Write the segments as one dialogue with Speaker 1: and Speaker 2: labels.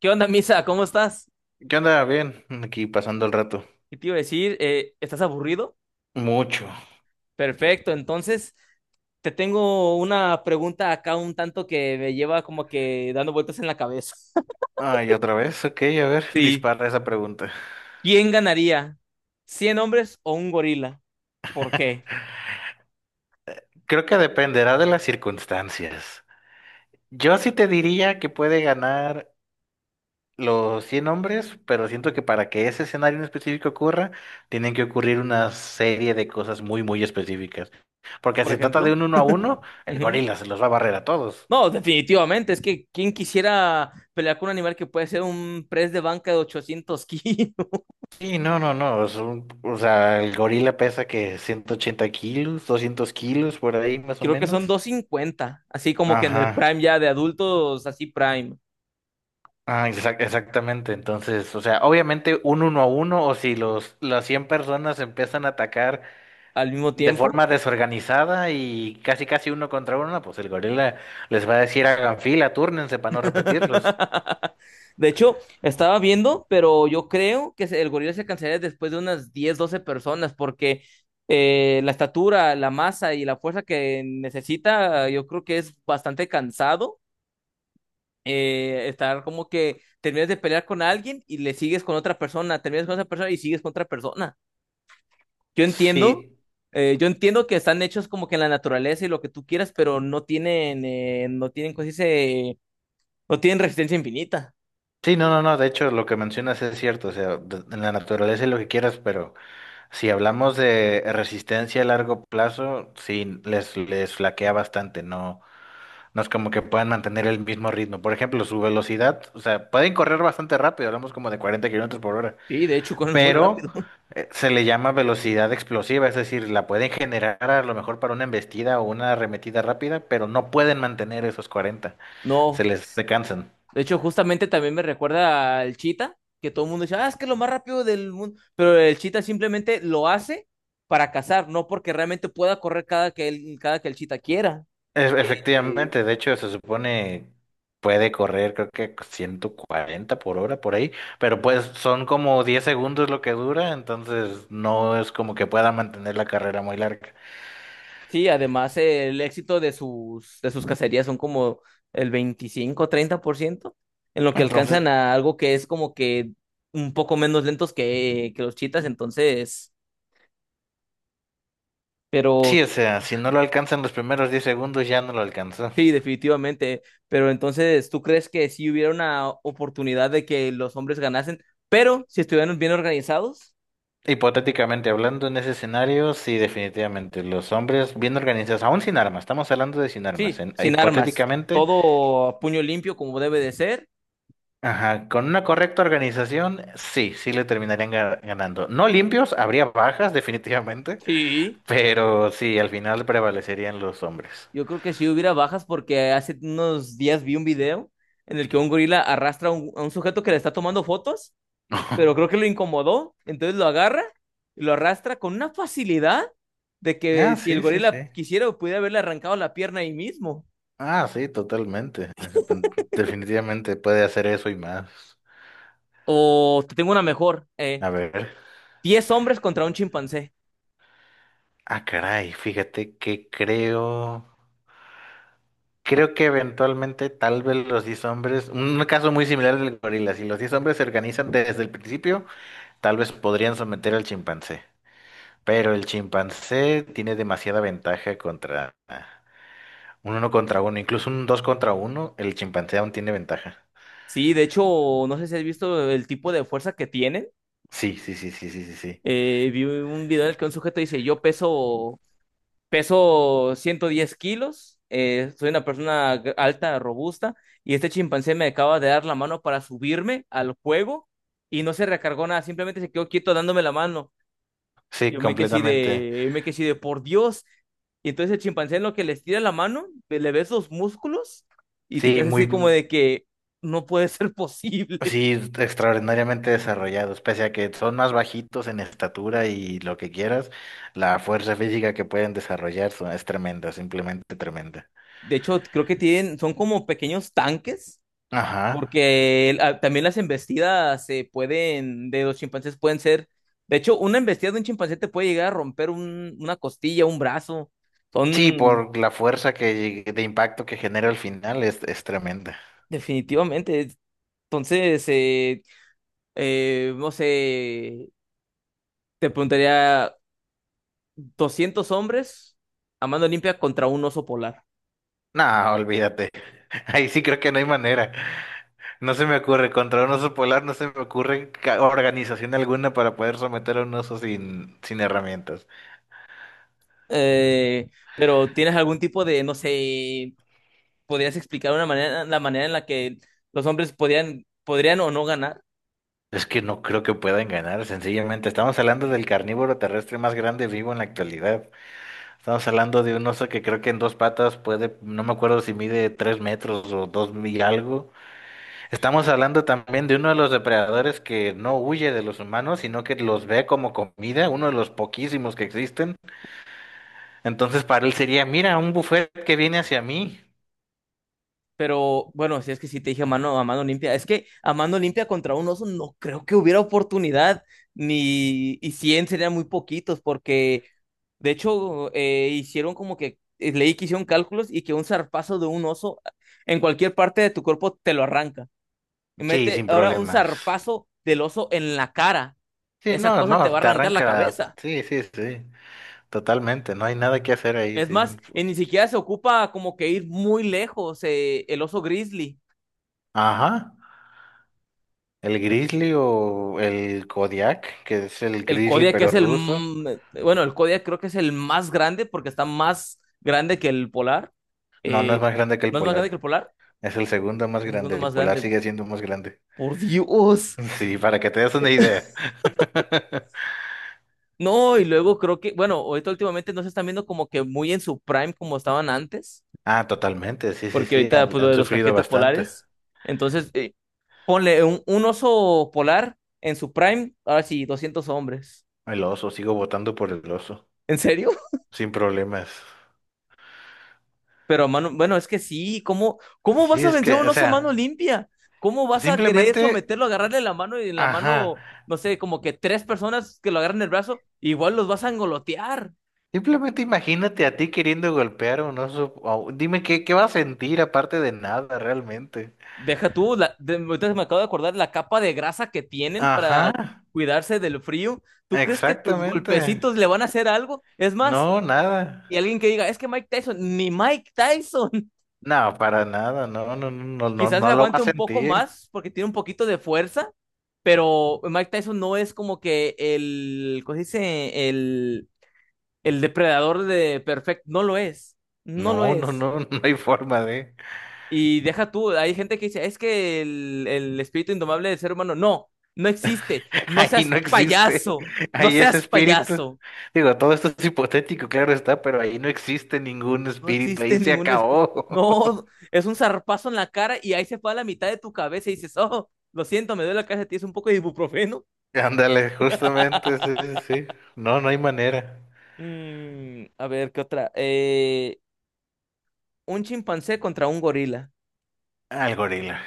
Speaker 1: ¿Qué onda, Misa? ¿Cómo estás?
Speaker 2: ¿Qué onda? Bien, aquí pasando el rato.
Speaker 1: Y te iba a decir, ¿estás aburrido?
Speaker 2: Mucho.
Speaker 1: Perfecto, entonces te tengo una pregunta acá un tanto que me lleva como que dando vueltas en la cabeza.
Speaker 2: Ay, otra vez. Ok, a ver,
Speaker 1: Sí.
Speaker 2: dispara esa pregunta.
Speaker 1: ¿Quién ganaría? ¿Cien hombres o un gorila? ¿Por qué?
Speaker 2: Creo que dependerá de las circunstancias. Yo sí te diría que puede ganar los 100 hombres, pero siento que para que ese escenario en específico ocurra, tienen que ocurrir una serie de cosas muy, muy específicas. Porque
Speaker 1: Por
Speaker 2: si se trata de
Speaker 1: ejemplo.
Speaker 2: un uno a uno, el
Speaker 1: Ujú.
Speaker 2: gorila se los va a barrer a todos.
Speaker 1: No, definitivamente, es que ¿quién quisiera pelear con un animal que puede ser un press de banca de 800 kilos?
Speaker 2: Sí, no, no, no. O sea, el gorila pesa que 180 kilos, 200 kilos, por ahí más o
Speaker 1: Creo que son
Speaker 2: menos.
Speaker 1: doscientos cincuenta, así como que en el
Speaker 2: Ajá.
Speaker 1: prime ya de adultos, así prime,
Speaker 2: Ah, exactamente. Entonces, o sea, obviamente un uno a uno, o si las 100 personas empiezan a atacar
Speaker 1: al mismo
Speaker 2: de
Speaker 1: tiempo.
Speaker 2: forma desorganizada y casi casi uno contra uno, pues el gorila les va a decir hagan fila, túrnense para no repetirlos.
Speaker 1: De hecho, estaba viendo, pero yo creo que el gorila se cansaría después de unas 10 12 personas, porque la estatura, la masa y la fuerza que necesita, yo creo que es bastante cansado, estar como que terminas de pelear con alguien y le sigues con otra persona, terminas con esa persona y sigues con otra persona. Yo entiendo,
Speaker 2: Sí,
Speaker 1: que están hechos como que en la naturaleza y lo que tú quieras, pero no tienen, ¿cómo se dice? No tienen resistencia infinita.
Speaker 2: sí, no, no, no, de hecho lo que mencionas es cierto, o sea, en la naturaleza es lo que quieras, pero si hablamos de resistencia a largo plazo, sí, les flaquea bastante, no. No es como que puedan mantener el mismo ritmo. Por ejemplo, su velocidad, o sea, pueden correr bastante rápido, hablamos como de 40 kilómetros por hora,
Speaker 1: Sí, de hecho, corren muy
Speaker 2: pero
Speaker 1: rápido.
Speaker 2: se le llama velocidad explosiva, es decir, la pueden generar a lo mejor para una embestida o una arremetida rápida, pero no pueden mantener esos 40,
Speaker 1: No,
Speaker 2: se cansan.
Speaker 1: de hecho, justamente también me recuerda al Cheetah, que todo el mundo dice, ah, es que es lo más rápido del mundo, pero el Cheetah simplemente lo hace para cazar, no porque realmente pueda correr cada que el Cheetah quiera. Eh,
Speaker 2: Efectivamente, de hecho, se supone puede correr, creo que 140 por hora por ahí, pero pues son como 10 segundos lo que dura, entonces no es como que pueda mantener la carrera muy larga.
Speaker 1: sí, además el éxito de de sus cacerías son como el 25, 30%, en lo que
Speaker 2: Entonces,
Speaker 1: alcanzan a algo que es como que un poco menos lentos que los Cheetahs, entonces, pero
Speaker 2: sí, o sea, si no lo alcanzan los primeros 10 segundos, ya no lo alcanzó.
Speaker 1: sí, definitivamente. Pero entonces, ¿tú crees que sí hubiera una oportunidad de que los hombres ganasen, pero si estuvieran bien organizados?
Speaker 2: Hipotéticamente hablando en ese escenario, sí, definitivamente. Los hombres bien organizados, aún sin armas, estamos hablando de sin armas.
Speaker 1: Sí,
Speaker 2: en-
Speaker 1: sin armas,
Speaker 2: hipotéticamente,
Speaker 1: todo a puño limpio como debe de ser.
Speaker 2: ajá, con una correcta organización, sí, sí le terminarían ganando. No limpios, habría bajas, definitivamente,
Speaker 1: Sí,
Speaker 2: pero sí, al final prevalecerían los hombres.
Speaker 1: yo creo que sí hubiera bajas porque hace unos días vi un video en el que un gorila arrastra a a un sujeto que le está tomando fotos, pero creo que lo incomodó, entonces lo agarra y lo arrastra con una facilidad de que
Speaker 2: Ah,
Speaker 1: si el
Speaker 2: sí, sí,
Speaker 1: gorila
Speaker 2: sí.
Speaker 1: quisiera, pudiera haberle arrancado la pierna ahí mismo.
Speaker 2: Ah, sí, totalmente. Definitivamente puede hacer eso y más.
Speaker 1: O te tengo una mejor.
Speaker 2: A ver.
Speaker 1: 10 hombres contra un chimpancé.
Speaker 2: Ah, caray, fíjate que creo que eventualmente tal vez los 10 hombres, un caso muy similar del gorila, si los 10 hombres se organizan desde el principio, tal vez podrían someter al chimpancé, pero el chimpancé tiene demasiada ventaja contra un uno contra uno, incluso un dos contra uno, el chimpancé aún tiene ventaja.
Speaker 1: Sí, de hecho, no sé si has visto el tipo de fuerza que tienen.
Speaker 2: Sí, sí, sí, sí, sí, sí, sí.
Speaker 1: Vi un video en el que un sujeto dice, peso 110 kilos, soy una persona alta, robusta, y este chimpancé me acaba de dar la mano para subirme al juego y no se recargó nada, simplemente se quedó quieto dándome la mano.
Speaker 2: Sí,
Speaker 1: Yo me quedé así
Speaker 2: completamente.
Speaker 1: de, me quedé así de, por Dios. Y entonces el chimpancé en lo que les tira la mano, le ves los músculos y te
Speaker 2: Sí,
Speaker 1: quedas así como
Speaker 2: muy.
Speaker 1: de que no puede ser posible.
Speaker 2: Sí, extraordinariamente desarrollados, pese a que son más bajitos en estatura y lo que quieras, la fuerza física que pueden desarrollar es tremenda, simplemente tremenda.
Speaker 1: De hecho, creo que tienen, son como pequeños tanques,
Speaker 2: Ajá.
Speaker 1: porque también las embestidas se pueden, de los chimpancés pueden ser, de hecho, una embestida de un chimpancé te puede llegar a romper una costilla, un brazo.
Speaker 2: Sí,
Speaker 1: Son,
Speaker 2: por la fuerza de impacto que genera al final es tremenda.
Speaker 1: definitivamente. Entonces, no sé, te preguntaría... 200 hombres a mano limpia contra un oso polar.
Speaker 2: No, olvídate. Ahí sí creo que no hay manera. No se me ocurre, contra un oso polar no se me ocurre organización alguna para poder someter a un oso sin herramientas.
Speaker 1: Pero ¿tienes algún tipo de, no sé, podrías explicar una manera, la manera en la que los hombres podrían o no ganar?
Speaker 2: Es que no creo que puedan ganar, sencillamente. Estamos hablando del carnívoro terrestre más grande vivo en la actualidad. Estamos hablando de un oso que creo que en dos patas puede, no me acuerdo si mide 3 metros o dos y algo. Estamos hablando también de uno de los depredadores que no huye de los humanos, sino que los ve como comida, uno de los poquísimos que existen. Entonces para él sería, mira, un buffet que viene hacia mí.
Speaker 1: Pero bueno, si es que sí te dije a mano limpia, es que a mano limpia contra un oso no creo que hubiera oportunidad, ni y 100 serían muy poquitos, porque de hecho hicieron como que, leí que hicieron cálculos y que un zarpazo de un oso en cualquier parte de tu cuerpo te lo arranca. Y
Speaker 2: Sí,
Speaker 1: mete
Speaker 2: sin
Speaker 1: ahora un
Speaker 2: problemas.
Speaker 1: zarpazo del oso en la cara.
Speaker 2: Sí,
Speaker 1: Esa
Speaker 2: no,
Speaker 1: cosa te va
Speaker 2: no,
Speaker 1: a
Speaker 2: te
Speaker 1: arrancar la
Speaker 2: arranca.
Speaker 1: cabeza.
Speaker 2: Sí, sí, sí. Totalmente, no hay nada que hacer ahí,
Speaker 1: Es
Speaker 2: sí.
Speaker 1: más, ni siquiera se ocupa como que ir muy lejos, el oso grizzly.
Speaker 2: Ajá, el grizzly o el Kodiak, que es el
Speaker 1: El
Speaker 2: grizzly
Speaker 1: Kodiak
Speaker 2: pero
Speaker 1: es el,
Speaker 2: ruso.
Speaker 1: bueno, el Kodiak creo que es el más grande porque está más grande que el polar.
Speaker 2: No, no es
Speaker 1: Eh,
Speaker 2: más grande que el
Speaker 1: ¿No es más grande que el
Speaker 2: polar.
Speaker 1: polar?
Speaker 2: Es el segundo más
Speaker 1: Es el
Speaker 2: grande.
Speaker 1: segundo
Speaker 2: El
Speaker 1: más
Speaker 2: polar
Speaker 1: grande.
Speaker 2: sigue siendo más grande.
Speaker 1: Por Dios.
Speaker 2: Sí, para que te des una idea.
Speaker 1: No, y luego creo que, bueno, ahorita últimamente no se están viendo como que muy en su prime como estaban antes,
Speaker 2: Ah, totalmente. Sí, sí,
Speaker 1: porque
Speaker 2: sí.
Speaker 1: ahorita pues
Speaker 2: Han,
Speaker 1: lo
Speaker 2: han
Speaker 1: de los
Speaker 2: sufrido
Speaker 1: caquetes
Speaker 2: bastante.
Speaker 1: polares. Entonces, ponle un oso polar en su prime, ahora sí, 200 hombres.
Speaker 2: El oso, sigo votando por el oso.
Speaker 1: ¿En serio?
Speaker 2: Sin problemas.
Speaker 1: Pero mano, bueno, es que sí, ¿cómo vas
Speaker 2: Sí,
Speaker 1: a
Speaker 2: es
Speaker 1: vencer
Speaker 2: que,
Speaker 1: a un
Speaker 2: o
Speaker 1: oso mano
Speaker 2: sea,
Speaker 1: limpia? ¿Cómo vas a querer
Speaker 2: simplemente,
Speaker 1: someterlo, agarrarle la mano y en la
Speaker 2: ajá.
Speaker 1: mano, no sé, como que tres personas que lo agarran el brazo, igual los vas a engolotear?
Speaker 2: Simplemente imagínate a ti queriendo golpear a un oso. Dime qué va a sentir aparte de nada realmente.
Speaker 1: Deja tú, ahorita me acabo de acordar la capa de grasa que tienen para
Speaker 2: Ajá,
Speaker 1: cuidarse del frío. ¿Tú crees que tus
Speaker 2: exactamente.
Speaker 1: golpecitos le van a hacer algo? Es más,
Speaker 2: No, nada.
Speaker 1: y alguien que diga, es que Mike Tyson, ni Mike Tyson,
Speaker 2: No, para nada. No, no, no, no, no,
Speaker 1: quizás le
Speaker 2: no lo va a
Speaker 1: aguante un poco
Speaker 2: sentir.
Speaker 1: más porque tiene un poquito de fuerza, pero Mike Tyson no es como que el, ¿cómo se dice? El depredador de Perfect, no lo es, no lo
Speaker 2: No, no,
Speaker 1: es.
Speaker 2: no, no hay forma de.
Speaker 1: Y deja tú, hay gente que dice, es que el espíritu indomable del ser humano, no existe, no
Speaker 2: Ahí
Speaker 1: seas
Speaker 2: no existe.
Speaker 1: payaso, no
Speaker 2: Ahí es
Speaker 1: seas
Speaker 2: espíritu.
Speaker 1: payaso.
Speaker 2: Digo, todo esto es hipotético, claro está, pero ahí no existe ningún
Speaker 1: No
Speaker 2: espíritu. Ahí
Speaker 1: existe
Speaker 2: se
Speaker 1: ningún espíritu.
Speaker 2: acabó.
Speaker 1: No, es un zarpazo en la cara y ahí se fue a la mitad de tu cabeza y dices, oh, lo siento, me duele la cabeza, tienes un poco de ibuprofeno.
Speaker 2: Ándale, justamente, sí, sí, sí. No, no hay manera.
Speaker 1: Mm, a ver, ¿qué otra? Un chimpancé contra un gorila.
Speaker 2: Al gorila.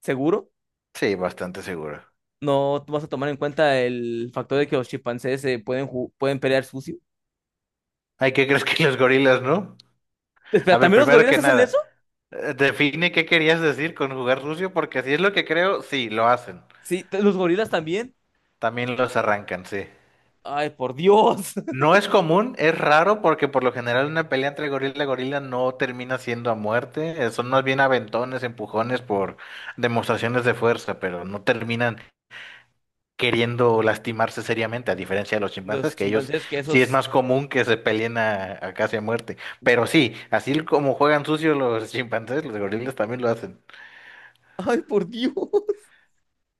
Speaker 1: ¿Seguro?
Speaker 2: Sí, bastante seguro.
Speaker 1: No vas a tomar en cuenta el factor de que los chimpancés se pueden, pueden pelear sucio.
Speaker 2: Ay, ¿qué crees que los gorilas, no?
Speaker 1: Espera,
Speaker 2: A ver,
Speaker 1: ¿también los
Speaker 2: primero
Speaker 1: gorilas
Speaker 2: que
Speaker 1: hacen eso?
Speaker 2: nada, define qué querías decir con jugar sucio, porque si es lo que creo, sí, lo hacen.
Speaker 1: Sí, los gorilas también.
Speaker 2: También los arrancan, sí.
Speaker 1: Ay, por Dios.
Speaker 2: No es común, es raro, porque por lo general una pelea entre gorila y gorila no termina siendo a muerte. Son más bien aventones, empujones por demostraciones de fuerza, pero no terminan queriendo lastimarse seriamente, a diferencia de los chimpancés,
Speaker 1: Los
Speaker 2: que ellos
Speaker 1: chimpancés que
Speaker 2: sí es
Speaker 1: esos.
Speaker 2: más común que se peleen a, casi a muerte. Pero sí, así como juegan sucio los chimpancés, los gorilas también lo hacen.
Speaker 1: Ay, por Dios.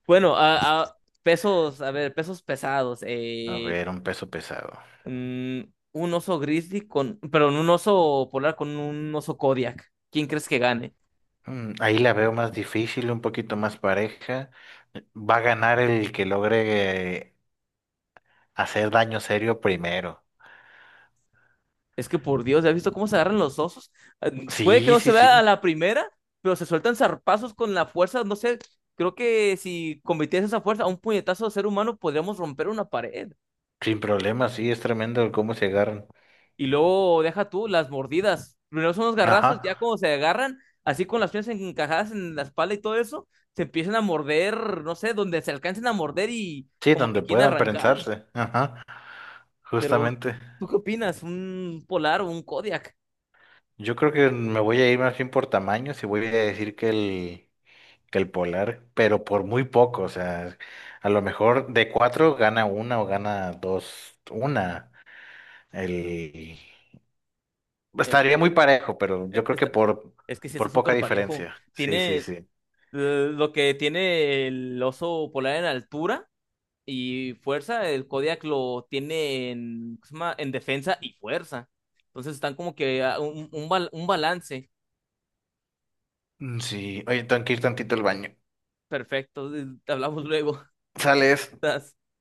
Speaker 1: Bueno, pesos, a ver, pesos pesados.
Speaker 2: A ver, un peso pesado.
Speaker 1: Mm, un oso grizzly con, perdón, un oso polar con un oso Kodiak. ¿Quién crees que gane?
Speaker 2: Ahí la veo más difícil, un poquito más pareja. Va a ganar el que logre hacer daño serio primero.
Speaker 1: Es que por Dios, ¿ya has visto cómo se agarran los osos? Puede que
Speaker 2: Sí,
Speaker 1: no se
Speaker 2: sí,
Speaker 1: vea a
Speaker 2: sí.
Speaker 1: la primera, pero se sueltan zarpazos con la fuerza. No sé, creo que si convirtiese esa fuerza a un puñetazo de ser humano, podríamos romper una pared.
Speaker 2: Sin problema, sí, es tremendo el cómo se agarran.
Speaker 1: Y luego deja tú las mordidas. Primero son los
Speaker 2: Ajá.
Speaker 1: garrazos, ya como se agarran, así con las piernas encajadas en la espalda y todo eso, se empiezan a morder, no sé, donde se alcancen a morder y
Speaker 2: Sí,
Speaker 1: como que
Speaker 2: donde
Speaker 1: quieren
Speaker 2: puedan
Speaker 1: arrancar.
Speaker 2: prensarse. Ajá.
Speaker 1: Pero,
Speaker 2: Justamente.
Speaker 1: ¿tú qué opinas? ¿Un polar o un Kodiak?
Speaker 2: Yo creo que me voy a ir más bien por tamaños y voy a decir que el polar, pero por muy poco. O sea, a lo mejor de cuatro gana una o gana dos, una. El...
Speaker 1: El
Speaker 2: Estaría muy
Speaker 1: Kodiak.
Speaker 2: parejo, pero yo
Speaker 1: eh,
Speaker 2: creo que
Speaker 1: está-
Speaker 2: por,
Speaker 1: es que sí está
Speaker 2: por poca
Speaker 1: súper parejo.
Speaker 2: diferencia. Sí,
Speaker 1: Tiene
Speaker 2: sí, sí.
Speaker 1: lo que tiene el oso polar en altura y fuerza, el Kodiak lo tiene en, ¿cómo se llama? En defensa y fuerza. Entonces están como que a un balance
Speaker 2: Mm, sí. Oye, tengo que ir tantito al baño.
Speaker 1: perfecto. Hablamos luego.
Speaker 2: Sales.